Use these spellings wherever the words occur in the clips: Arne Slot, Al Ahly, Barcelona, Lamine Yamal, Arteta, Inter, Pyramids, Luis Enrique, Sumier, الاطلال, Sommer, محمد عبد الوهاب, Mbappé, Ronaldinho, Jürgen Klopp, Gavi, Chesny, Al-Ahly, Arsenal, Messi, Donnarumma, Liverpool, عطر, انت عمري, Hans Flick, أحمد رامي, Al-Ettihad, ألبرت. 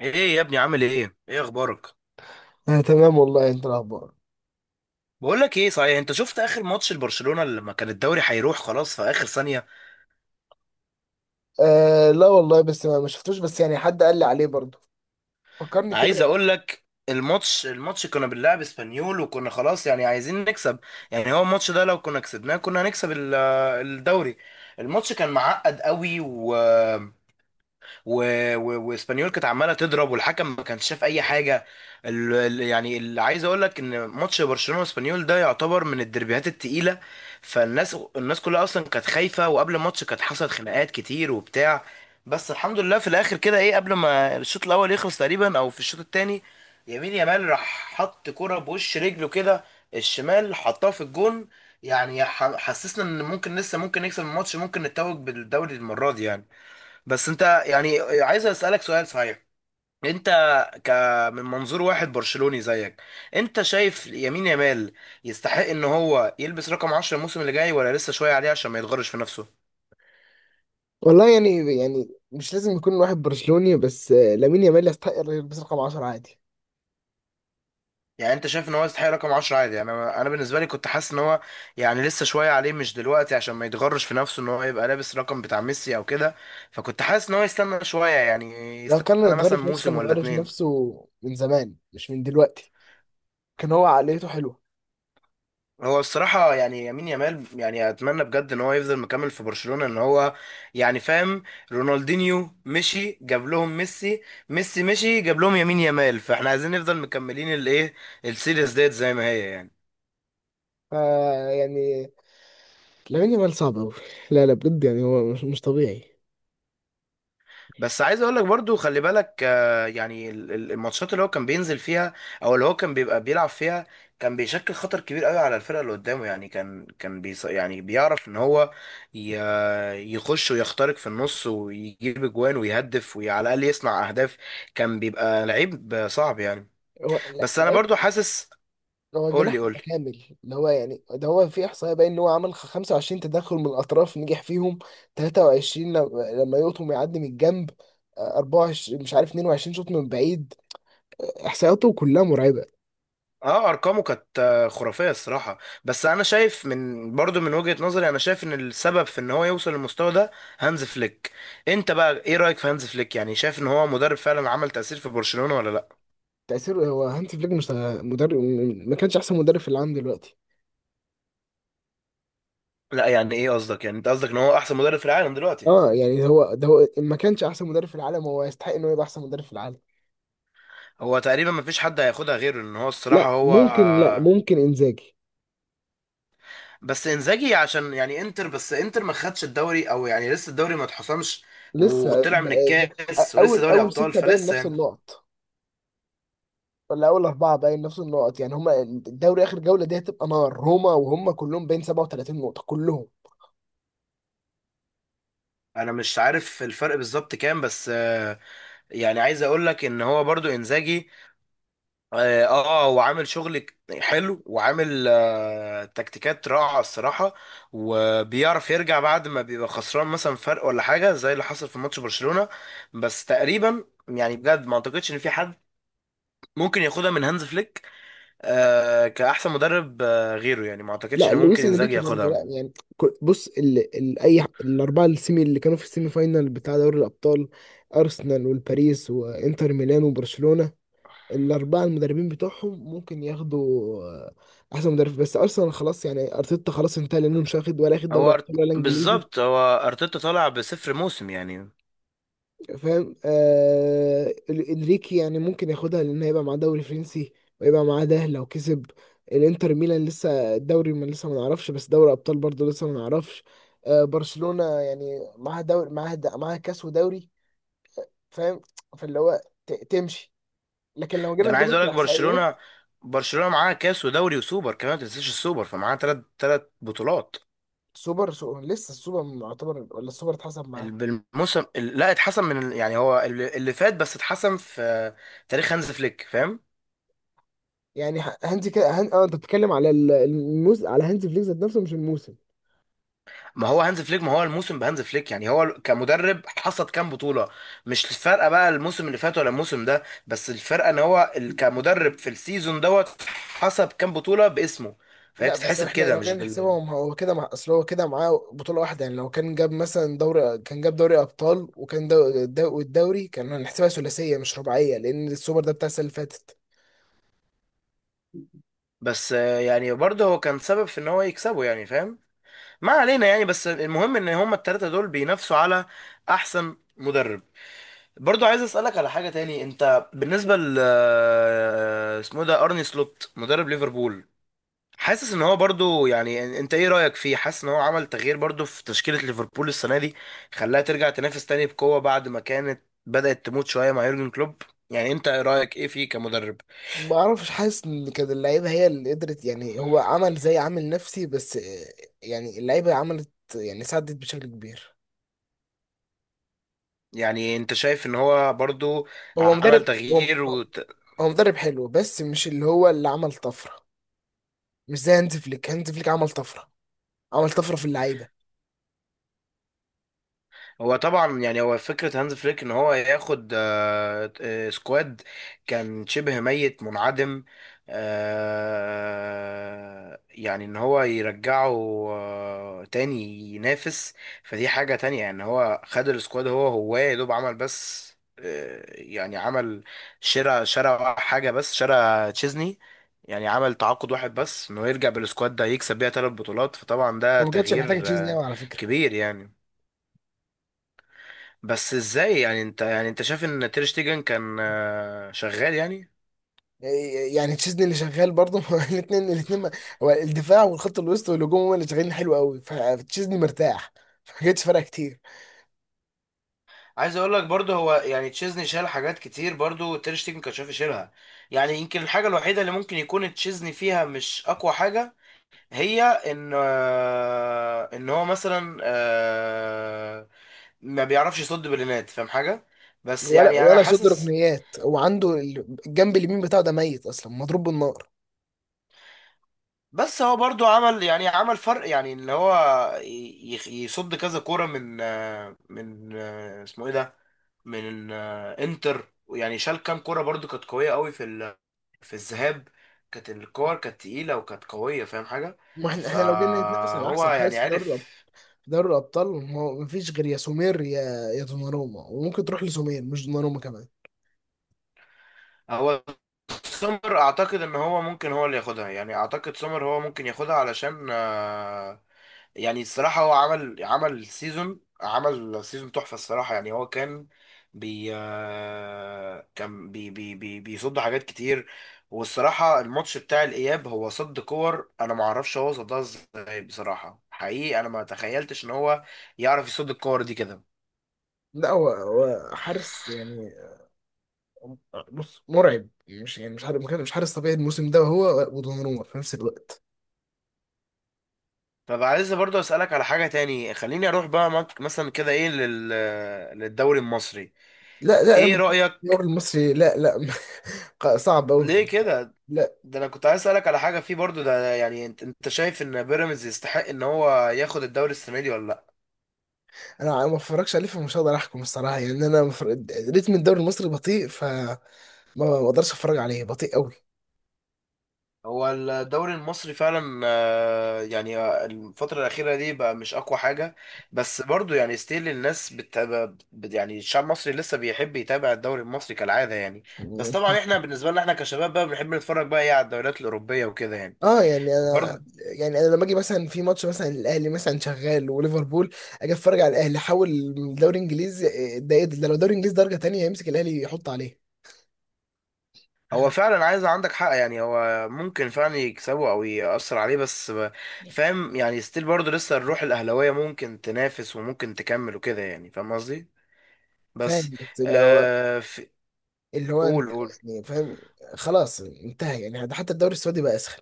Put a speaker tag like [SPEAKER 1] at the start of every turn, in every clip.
[SPEAKER 1] ايه يا ابني، عامل ايه؟ اخبارك؟
[SPEAKER 2] آه، تمام والله. انت الاخبار؟
[SPEAKER 1] بقول لك ايه، صحيح انت شفت اخر ماتش لبرشلونة لما كان الدوري هيروح خلاص في اخر ثانية؟
[SPEAKER 2] آه، لا والله، بس ما شفتوش، بس يعني حد قال لي عليه برضه. فكرني كده.
[SPEAKER 1] عايز اقول لك، الماتش كنا بنلعب اسبانيول وكنا خلاص يعني عايزين نكسب. يعني هو الماتش ده لو كنا كسبناه كنا هنكسب الدوري. الماتش كان معقد قوي و... واسبانيول كانت عماله تضرب والحكم ما كانش شاف اي حاجه. يعني اللي عايز اقول لك ان ماتش برشلونه واسبانيول ده يعتبر من الدربيهات التقيله. الناس كلها اصلا كانت خايفه، وقبل الماتش كانت حصلت خناقات كتير وبتاع. بس الحمد لله في الاخر كده، ايه، قبل ما الشوط الاول يخلص تقريبا او في الشوط الثاني، يمين يامال راح حط كرة بوش رجله كده، الشمال حطها في الجون. يعني حسسنا ان ممكن لسه ممكن نكسب الماتش، ممكن نتوج بالدوري المرة دي يعني. بس انت يعني عايز اسالك سؤال صحيح، انت ك من منظور واحد برشلوني زيك، انت شايف يمين يامال يستحق ان هو يلبس رقم 10 الموسم اللي جاي ولا لسه شويه عليه عشان ما يتغرش في نفسه؟
[SPEAKER 2] والله يعني مش لازم يكون واحد برشلوني، بس لامين يامال يستحق يلبس رقم 10 عادي.
[SPEAKER 1] يعني انت شايف ان هو يستحق رقم 10 عادي؟ يعني انا بالنسبه لي كنت حاسس ان هو يعني لسه شويه عليه، مش دلوقتي، عشان ما يتغرش في نفسه ان هو يبقى لابس رقم بتاع ميسي او كده. فكنت حاسس ان هو يستنى شويه يعني،
[SPEAKER 2] لو كان
[SPEAKER 1] يستنى
[SPEAKER 2] يتغير
[SPEAKER 1] مثلا
[SPEAKER 2] في نفسه،
[SPEAKER 1] موسم
[SPEAKER 2] كان
[SPEAKER 1] ولا
[SPEAKER 2] يتغير في
[SPEAKER 1] اتنين.
[SPEAKER 2] نفسه من زمان، مش من دلوقتي. كان هو عقليته حلوه.
[SPEAKER 1] هو الصراحة يعني يمين يامال يعني أتمنى بجد إن هو يفضل مكمل في برشلونة، إن هو يعني فاهم، رونالدينيو مشي جاب لهم ميسي، ميسي مشي جاب لهم يمين يامال، فإحنا عايزين نفضل مكملين الإيه، السيريز ديت زي ما هي يعني.
[SPEAKER 2] فا يعني لامين يامال صعب قوي. لا لا، بجد يعني هو مش طبيعي.
[SPEAKER 1] بس عايز اقول لك برضو، خلي بالك آه، يعني الماتشات اللي هو كان بينزل فيها او اللي هو كان بيبقى بيلعب فيها، كان بيشكل خطر كبير قوي على الفرقه اللي قدامه. يعني كان يعني بيعرف ان هو ي- يخش ويخترق في النص ويجيب اجوان ويهدف وعلى الاقل يصنع اهداف. كان بيبقى لعيب صعب يعني.
[SPEAKER 2] هو
[SPEAKER 1] بس انا
[SPEAKER 2] لعيب.
[SPEAKER 1] برضو حاسس،
[SPEAKER 2] هو
[SPEAKER 1] قول لي
[SPEAKER 2] جناح
[SPEAKER 1] قول لي.
[SPEAKER 2] متكامل، اللي هو يعني ده هو، في احصائيه باين ان هو عمل 25 تدخل من الاطراف نجح فيهم. 23 لما يقطم يعدي من الجنب. 24 مش عارف، 22 شوط من بعيد. احصائياته كلها مرعبه.
[SPEAKER 1] اه، ارقامه كانت آه، خرافيه الصراحه. بس انا شايف، من برضو من وجهه نظري، انا شايف ان السبب في ان هو يوصل للمستوى ده هانز فليك. انت بقى ايه رايك في هانز فليك؟ يعني شايف ان هو مدرب فعلا عمل تاثير في برشلونه ولا لا؟
[SPEAKER 2] تاثيره، هو هانسي فليك مش مدرب، ما كانش احسن مدرب في العالم دلوقتي.
[SPEAKER 1] لا يعني ايه قصدك؟ يعني انت قصدك ان هو احسن مدرب في العالم دلوقتي؟
[SPEAKER 2] اه يعني هو ده. هو ما كانش احسن مدرب في العالم، هو يستحق انه يبقى احسن مدرب في العالم.
[SPEAKER 1] هو تقريبا ما فيش حد هياخدها غيره، ان هو الصراحه
[SPEAKER 2] لا
[SPEAKER 1] هو
[SPEAKER 2] ممكن، لا
[SPEAKER 1] آه،.
[SPEAKER 2] ممكن انزاجي.
[SPEAKER 1] بس انزاجي عشان يعني انتر، بس انتر ما خدش الدوري او يعني لسه الدوري ما اتحسمش،
[SPEAKER 2] لسه
[SPEAKER 1] وطلع من الكاس، ولسه
[SPEAKER 2] اول
[SPEAKER 1] دوري
[SPEAKER 2] اول
[SPEAKER 1] ابطال
[SPEAKER 2] سته باين
[SPEAKER 1] فلسه
[SPEAKER 2] نفس
[SPEAKER 1] يعني.
[SPEAKER 2] النقط، ولا اول اربعه باين نفس النقط. يعني هما الدوري اخر جوله دي هتبقى نار. روما وهم كلهم باين 37 نقطه كلهم.
[SPEAKER 1] انا مش عارف الفرق بالظبط كام، بس آه، يعني عايز اقول لك ان هو برضو انزاجي. اه آه، هو عامل شغل حلو، وعامل آه تكتيكات رائعه الصراحه، وبيعرف يرجع بعد ما بيبقى خسران مثلا فرق ولا حاجه، زي اللي حصل في ماتش برشلونه. بس تقريبا يعني بجد ما اعتقدش ان في حد ممكن ياخدها من هانز فليك آه، كاحسن مدرب آه غيره. يعني ما اعتقدش
[SPEAKER 2] لا،
[SPEAKER 1] ان ممكن
[SPEAKER 2] لويس
[SPEAKER 1] انزاجي
[SPEAKER 2] انريكي برضه،
[SPEAKER 1] ياخدها.
[SPEAKER 2] لا يعني. بص، اي الاربعه السيمي اللي كانوا في السيمي فاينال بتاع دوري الابطال. ارسنال والباريس وانتر ميلان وبرشلونه. الاربعه المدربين بتوعهم ممكن ياخدوا آه، احسن مدرب. بس ارسنال خلاص، يعني ارتيتا خلاص انتهى، لانه مش واخد ولا اخد دوري
[SPEAKER 1] هو
[SPEAKER 2] ابطال ولا انجليزي.
[SPEAKER 1] بالظبط هو ارتيتا طالع بصفر موسم يعني.
[SPEAKER 2] فاهم. انريكي يعني ممكن ياخدها، لان هيبقى معاه دوري فرنسي، ويبقى معاه، ده لو كسب. الانتر ميلان لسه الدوري ما نعرفش، بس دوري ابطال برضه لسه ما نعرفش. برشلونة يعني معاها دوري، معاها معاها كاس ودوري. فاهم. فاللي هو تمشي. لكن لو
[SPEAKER 1] ده
[SPEAKER 2] جينا
[SPEAKER 1] انا عايز
[SPEAKER 2] نجيبها
[SPEAKER 1] اقول لك،
[SPEAKER 2] كاحصائيات.
[SPEAKER 1] برشلونة، برشلونة معاها كاس ودوري وسوبر كمان، ما تنساش السوبر، فمعاها ثلاث بطولات.
[SPEAKER 2] سوبر سو لسه السوبر معتبر، ولا السوبر اتحسب معاه؟
[SPEAKER 1] بالموسم لا، اتحسم من يعني هو اللي فات، بس اتحسم في تاريخ هانز فليك، فاهم؟
[SPEAKER 2] يعني هانزي كده اه، انت بتتكلم على على هانزي فليك ذات نفسه، مش الموسم.
[SPEAKER 1] ما هو هانز فليك، ما هو الموسم بهانز فليك. يعني هو كمدرب حصد كام بطولة؟ مش الفرقة بقى الموسم اللي فات ولا الموسم ده، بس الفرقة ان هو كمدرب في السيزون دوت حسب كام بطولة باسمه. فهي
[SPEAKER 2] لا بس
[SPEAKER 1] بتتحسب
[SPEAKER 2] احنا
[SPEAKER 1] كده
[SPEAKER 2] لو
[SPEAKER 1] مش
[SPEAKER 2] جينا
[SPEAKER 1] بال.
[SPEAKER 2] نحسبهم هو كده، مع اصل هو كده معاه بطولة واحدة. يعني لو كان جاب مثلا دوري، كان جاب دوري ابطال، وكان والدوري، كان هنحسبها ثلاثية مش رباعية، لان السوبر ده بتاع السنة اللي فاتت.
[SPEAKER 1] بس آه، يعني برضه هو كان سبب في ان هو يكسبه يعني فاهم. ما علينا يعني، بس المهم ان هما التلاتة دول بينافسوا على احسن مدرب. برضو عايز اسالك على حاجة تاني، انت بالنسبة ل آه، اسمه ده ارني سلوت مدرب ليفربول، حاسس ان هو برضو يعني، انت ايه رأيك فيه؟ حاسس ان هو عمل تغيير برضو في تشكيلة ليفربول السنة دي، خلاها ترجع تنافس تاني بقوة بعد ما كانت بدأت تموت شوية مع يورجن كلوب؟ يعني انت إيه رأيك ايه فيه كمدرب؟
[SPEAKER 2] ما اعرفش. حاسس ان كده اللعيبة هي اللي قدرت، يعني هو عمل زي عامل نفسي بس. يعني اللعيبة عملت، يعني ساعدت بشكل كبير.
[SPEAKER 1] يعني انت شايف ان هو برضو
[SPEAKER 2] هو
[SPEAKER 1] عمل
[SPEAKER 2] مدرب. هو
[SPEAKER 1] تغيير؟
[SPEAKER 2] مدرب حلو، بس مش اللي هو اللي عمل طفرة. مش زي هانز فليك. هانز فليك عمل طفرة، عمل طفرة في اللعيبة.
[SPEAKER 1] هو طبعا يعني هو فكرة هانز فليك ان هو ياخد آه، آه، سكواد كان شبه ميت منعدم، آه، يعني ان هو يرجعه آه، تاني، ينافس. فدي حاجة تانية. يعني هو خد السكواد، هو يا دوب عمل بس آه، يعني عمل شراء حاجة، بس شراء تشيزني. يعني عمل تعاقد واحد بس، انه يرجع بالسكواد ده يكسب بيها ثلاث بطولات. فطبعا ده
[SPEAKER 2] هو ما كانتش محتاجة
[SPEAKER 1] تغيير
[SPEAKER 2] تشيزني
[SPEAKER 1] آه،
[SPEAKER 2] قوي على فكرة.
[SPEAKER 1] كبير يعني. بس ازاي؟ يعني انت، يعني انت شايف ان تير شتيجن كان آه، شغال يعني؟
[SPEAKER 2] يعني تشيزني اللي شغال برضه. الاثنين الاثنين هو الدفاع والخط الوسط والهجوم هم اللي شغالين حلو قوي، فتشيزني مرتاح. ما جاتش فرق كتير.
[SPEAKER 1] عايز اقول لك برضه هو يعني تشيزني شال حاجات كتير، برضه تير شتيجن كان شايف يشيلها. يعني يمكن الحاجه الوحيده اللي ممكن يكون تشيزني فيها مش اقوى حاجه، هي ان آه، ان هو مثلا آه، ما بيعرفش يصد بلينات، فاهم حاجه؟ بس
[SPEAKER 2] ولا
[SPEAKER 1] يعني انا
[SPEAKER 2] ولا شد
[SPEAKER 1] حاسس،
[SPEAKER 2] ركنيات. هو عنده الجنب اليمين بتاعه ده ميت اصلا، مضروب بالنار.
[SPEAKER 1] بس هو برضو عمل يعني عمل فرق يعني، اللي هو يصد كذا كورة من آه، من آه، اسمه ايه ده، من آه، انتر. يعني شال كام كورة برضو كانت قوية قوي في في الذهاب. كانت الكور كانت تقيلة وكانت قوية، فاهم حاجة؟
[SPEAKER 2] ما احنا لو جينا نتنافس على
[SPEAKER 1] فهو
[SPEAKER 2] احسن
[SPEAKER 1] يعني
[SPEAKER 2] حارس في دوري الابطال.
[SPEAKER 1] عارف
[SPEAKER 2] في دوري الابطال ما فيش غير يا سومير، يا دوناروما. وممكن تروح لسومير مش دوناروما كمان.
[SPEAKER 1] هو. سومر اعتقد ان هو ممكن هو اللي ياخدها يعني، اعتقد سومر هو ممكن ياخدها علشان آه، يعني الصراحة هو عمل سيزون، عمل سيزون تحفة الصراحة. يعني هو كان بي آه، كان بي بي بي بيصد حاجات كتير. والصراحة الماتش بتاع الإياب هو صد كور أنا ما اعرفش هو صدها ازاي بصراحة، حقيقي أنا ما تخيلتش إن هو يعرف يصد الكور دي كده.
[SPEAKER 2] لا، هو حارس يعني. بص مرعب، مش يعني مش حارس طبيعي الموسم ده، هو ودوناروما في نفس الوقت.
[SPEAKER 1] طب عايز برضه أسألك على حاجة تاني، خليني أروح بقى مثلا كده إيه للدوري المصري،
[SPEAKER 2] لا لا
[SPEAKER 1] ايه
[SPEAKER 2] انا.
[SPEAKER 1] رأيك؟
[SPEAKER 2] الدوري المصري لا لا. صعب قوي.
[SPEAKER 1] ليه كده؟
[SPEAKER 2] لا
[SPEAKER 1] ده انا كنت عايز اسألك على حاجة فيه برضو، ده يعني انت، انت شايف ان بيراميدز يستحق ان هو ياخد الدوري السنة دي ولا لا؟
[SPEAKER 2] انا ما اتفرجش عليه، فمش هقدر احكم الصراحه. يعني انا ريتم الدوري المصري بطيء، ما اقدرش اتفرج عليه، بطيء قوي.
[SPEAKER 1] هو الدوري المصري فعلا آه، يعني آه، الفترة الأخيرة دي بقى مش أقوى حاجة. بس برضو يعني ستيل الناس بتتابع، يعني الشعب المصري لسه بيحب يتابع الدوري المصري كالعادة يعني. بس طبعا احنا بالنسبة لنا احنا كشباب بقى بنحب نتفرج بقى ايه على الدوريات الأوروبية وكده يعني.
[SPEAKER 2] اه يعني انا.
[SPEAKER 1] برضو
[SPEAKER 2] يعني انا لما اجي مثلا في ماتش مثلا، الاهلي مثلا شغال وليفربول، اجي اتفرج على الاهلي، حاول. من دوري انجليزي إيه ده ايه ده ده لو دوري انجليزي درجه تانية، يمسك الاهلي يحط عليه.
[SPEAKER 1] هو فعلا، عايز، عندك حق يعني، هو ممكن فعلا يكسبه او يأثر عليه بس فاهم يعني؟ ستيل برضه لسه الروح الاهلاويه ممكن تنافس وممكن تكمل وكده يعني، فاهم قصدي؟ بس
[SPEAKER 2] فاهم، بس اللي هو،
[SPEAKER 1] آه في،
[SPEAKER 2] اللي هو انت،
[SPEAKER 1] قول قول.
[SPEAKER 2] يعني فاهم. خلاص انتهى، يعني حتى الدوري السعودي بقى اسخن.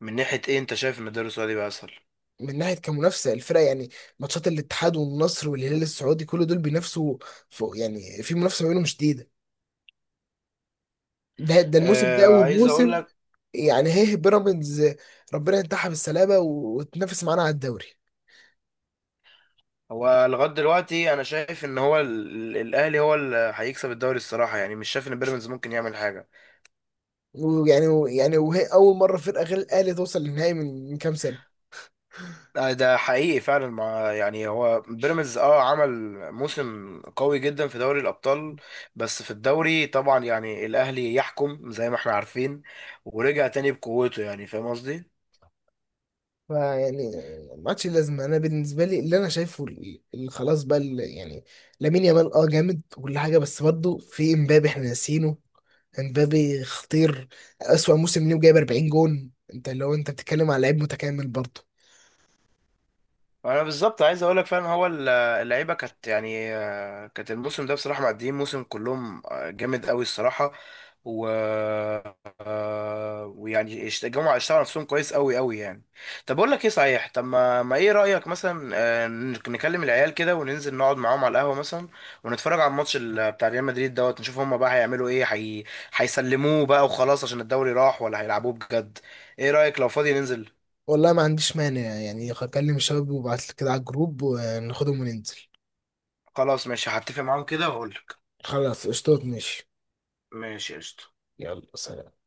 [SPEAKER 1] من ناحيه ايه؟ انت شايف ان الدوري السعودي بقى اسهل؟
[SPEAKER 2] من ناحيه كمنافسه الفرق يعني. ماتشات الاتحاد والنصر والهلال السعودي كل دول بينافسوا فوق، يعني في منافسه ما بينهم شديده. ده الموسم ده
[SPEAKER 1] آه
[SPEAKER 2] اول
[SPEAKER 1] عايز اقول
[SPEAKER 2] موسم،
[SPEAKER 1] لك،
[SPEAKER 2] يعني هيه بيراميدز. ربنا ينتحها بالسلامه وتنافس معانا على الدوري.
[SPEAKER 1] هو لغايه دلوقتي انا شايف ان هو الاهلي هو اللي هيكسب الدوري الصراحه يعني، مش شايف ان بيراميدز ممكن يعمل حاجه.
[SPEAKER 2] ويعني وهي اول مره فرقه غير الاهلي توصل للنهائي من كام سنه.
[SPEAKER 1] آه، ده حقيقي فعلا. مع يعني هو بيراميدز اه عمل موسم قوي جدا في دوري الابطال، بس في الدوري طبعا يعني الاهلي يحكم زي ما احنا عارفين، ورجع تاني بقوته، يعني فاهم قصدي.
[SPEAKER 2] فيعني ما عادش لازمه. انا بالنسبه لي اللي انا شايفه خلاص بقى، يعني لامين يامال اه جامد وكل حاجه، بس برضه في امبابي احنا ناسينه. امبابي خطير، أسوأ موسم ليه وجايب 40 جون. انت لو انت بتتكلم على لعيب متكامل برضه.
[SPEAKER 1] انا بالظبط عايز اقول لك فعلا هو اللعيبه كانت يعني آه، كانت الموسم ده بصراحه معديين موسم كلهم آه، جامد قوي الصراحه. و آه، ويعني الجماعه اشتغلوا نفسهم كويس قوي يعني. طب اقول لك ايه صحيح، طب ما, ما ايه رايك مثلا آه، نكلم العيال كده وننزل نقعد معاهم على القهوه مثلا ونتفرج على الماتش بتاع ريال مدريد دوت نشوف هم بقى هيعملوا ايه، هيسلموه بقى وخلاص عشان الدوري راح، ولا هيلعبوه بجد؟ ايه رايك لو فاضي ننزل؟
[SPEAKER 2] والله ما عنديش مانع، يعني هكلم الشباب وابعت لك كده على الجروب وناخدهم وننزل.
[SPEAKER 1] خلاص ماشي، هتفق معاهم كده واقول لك.
[SPEAKER 2] خلاص قشطات ماشي.
[SPEAKER 1] ماشي قشطة.
[SPEAKER 2] يلا سلام.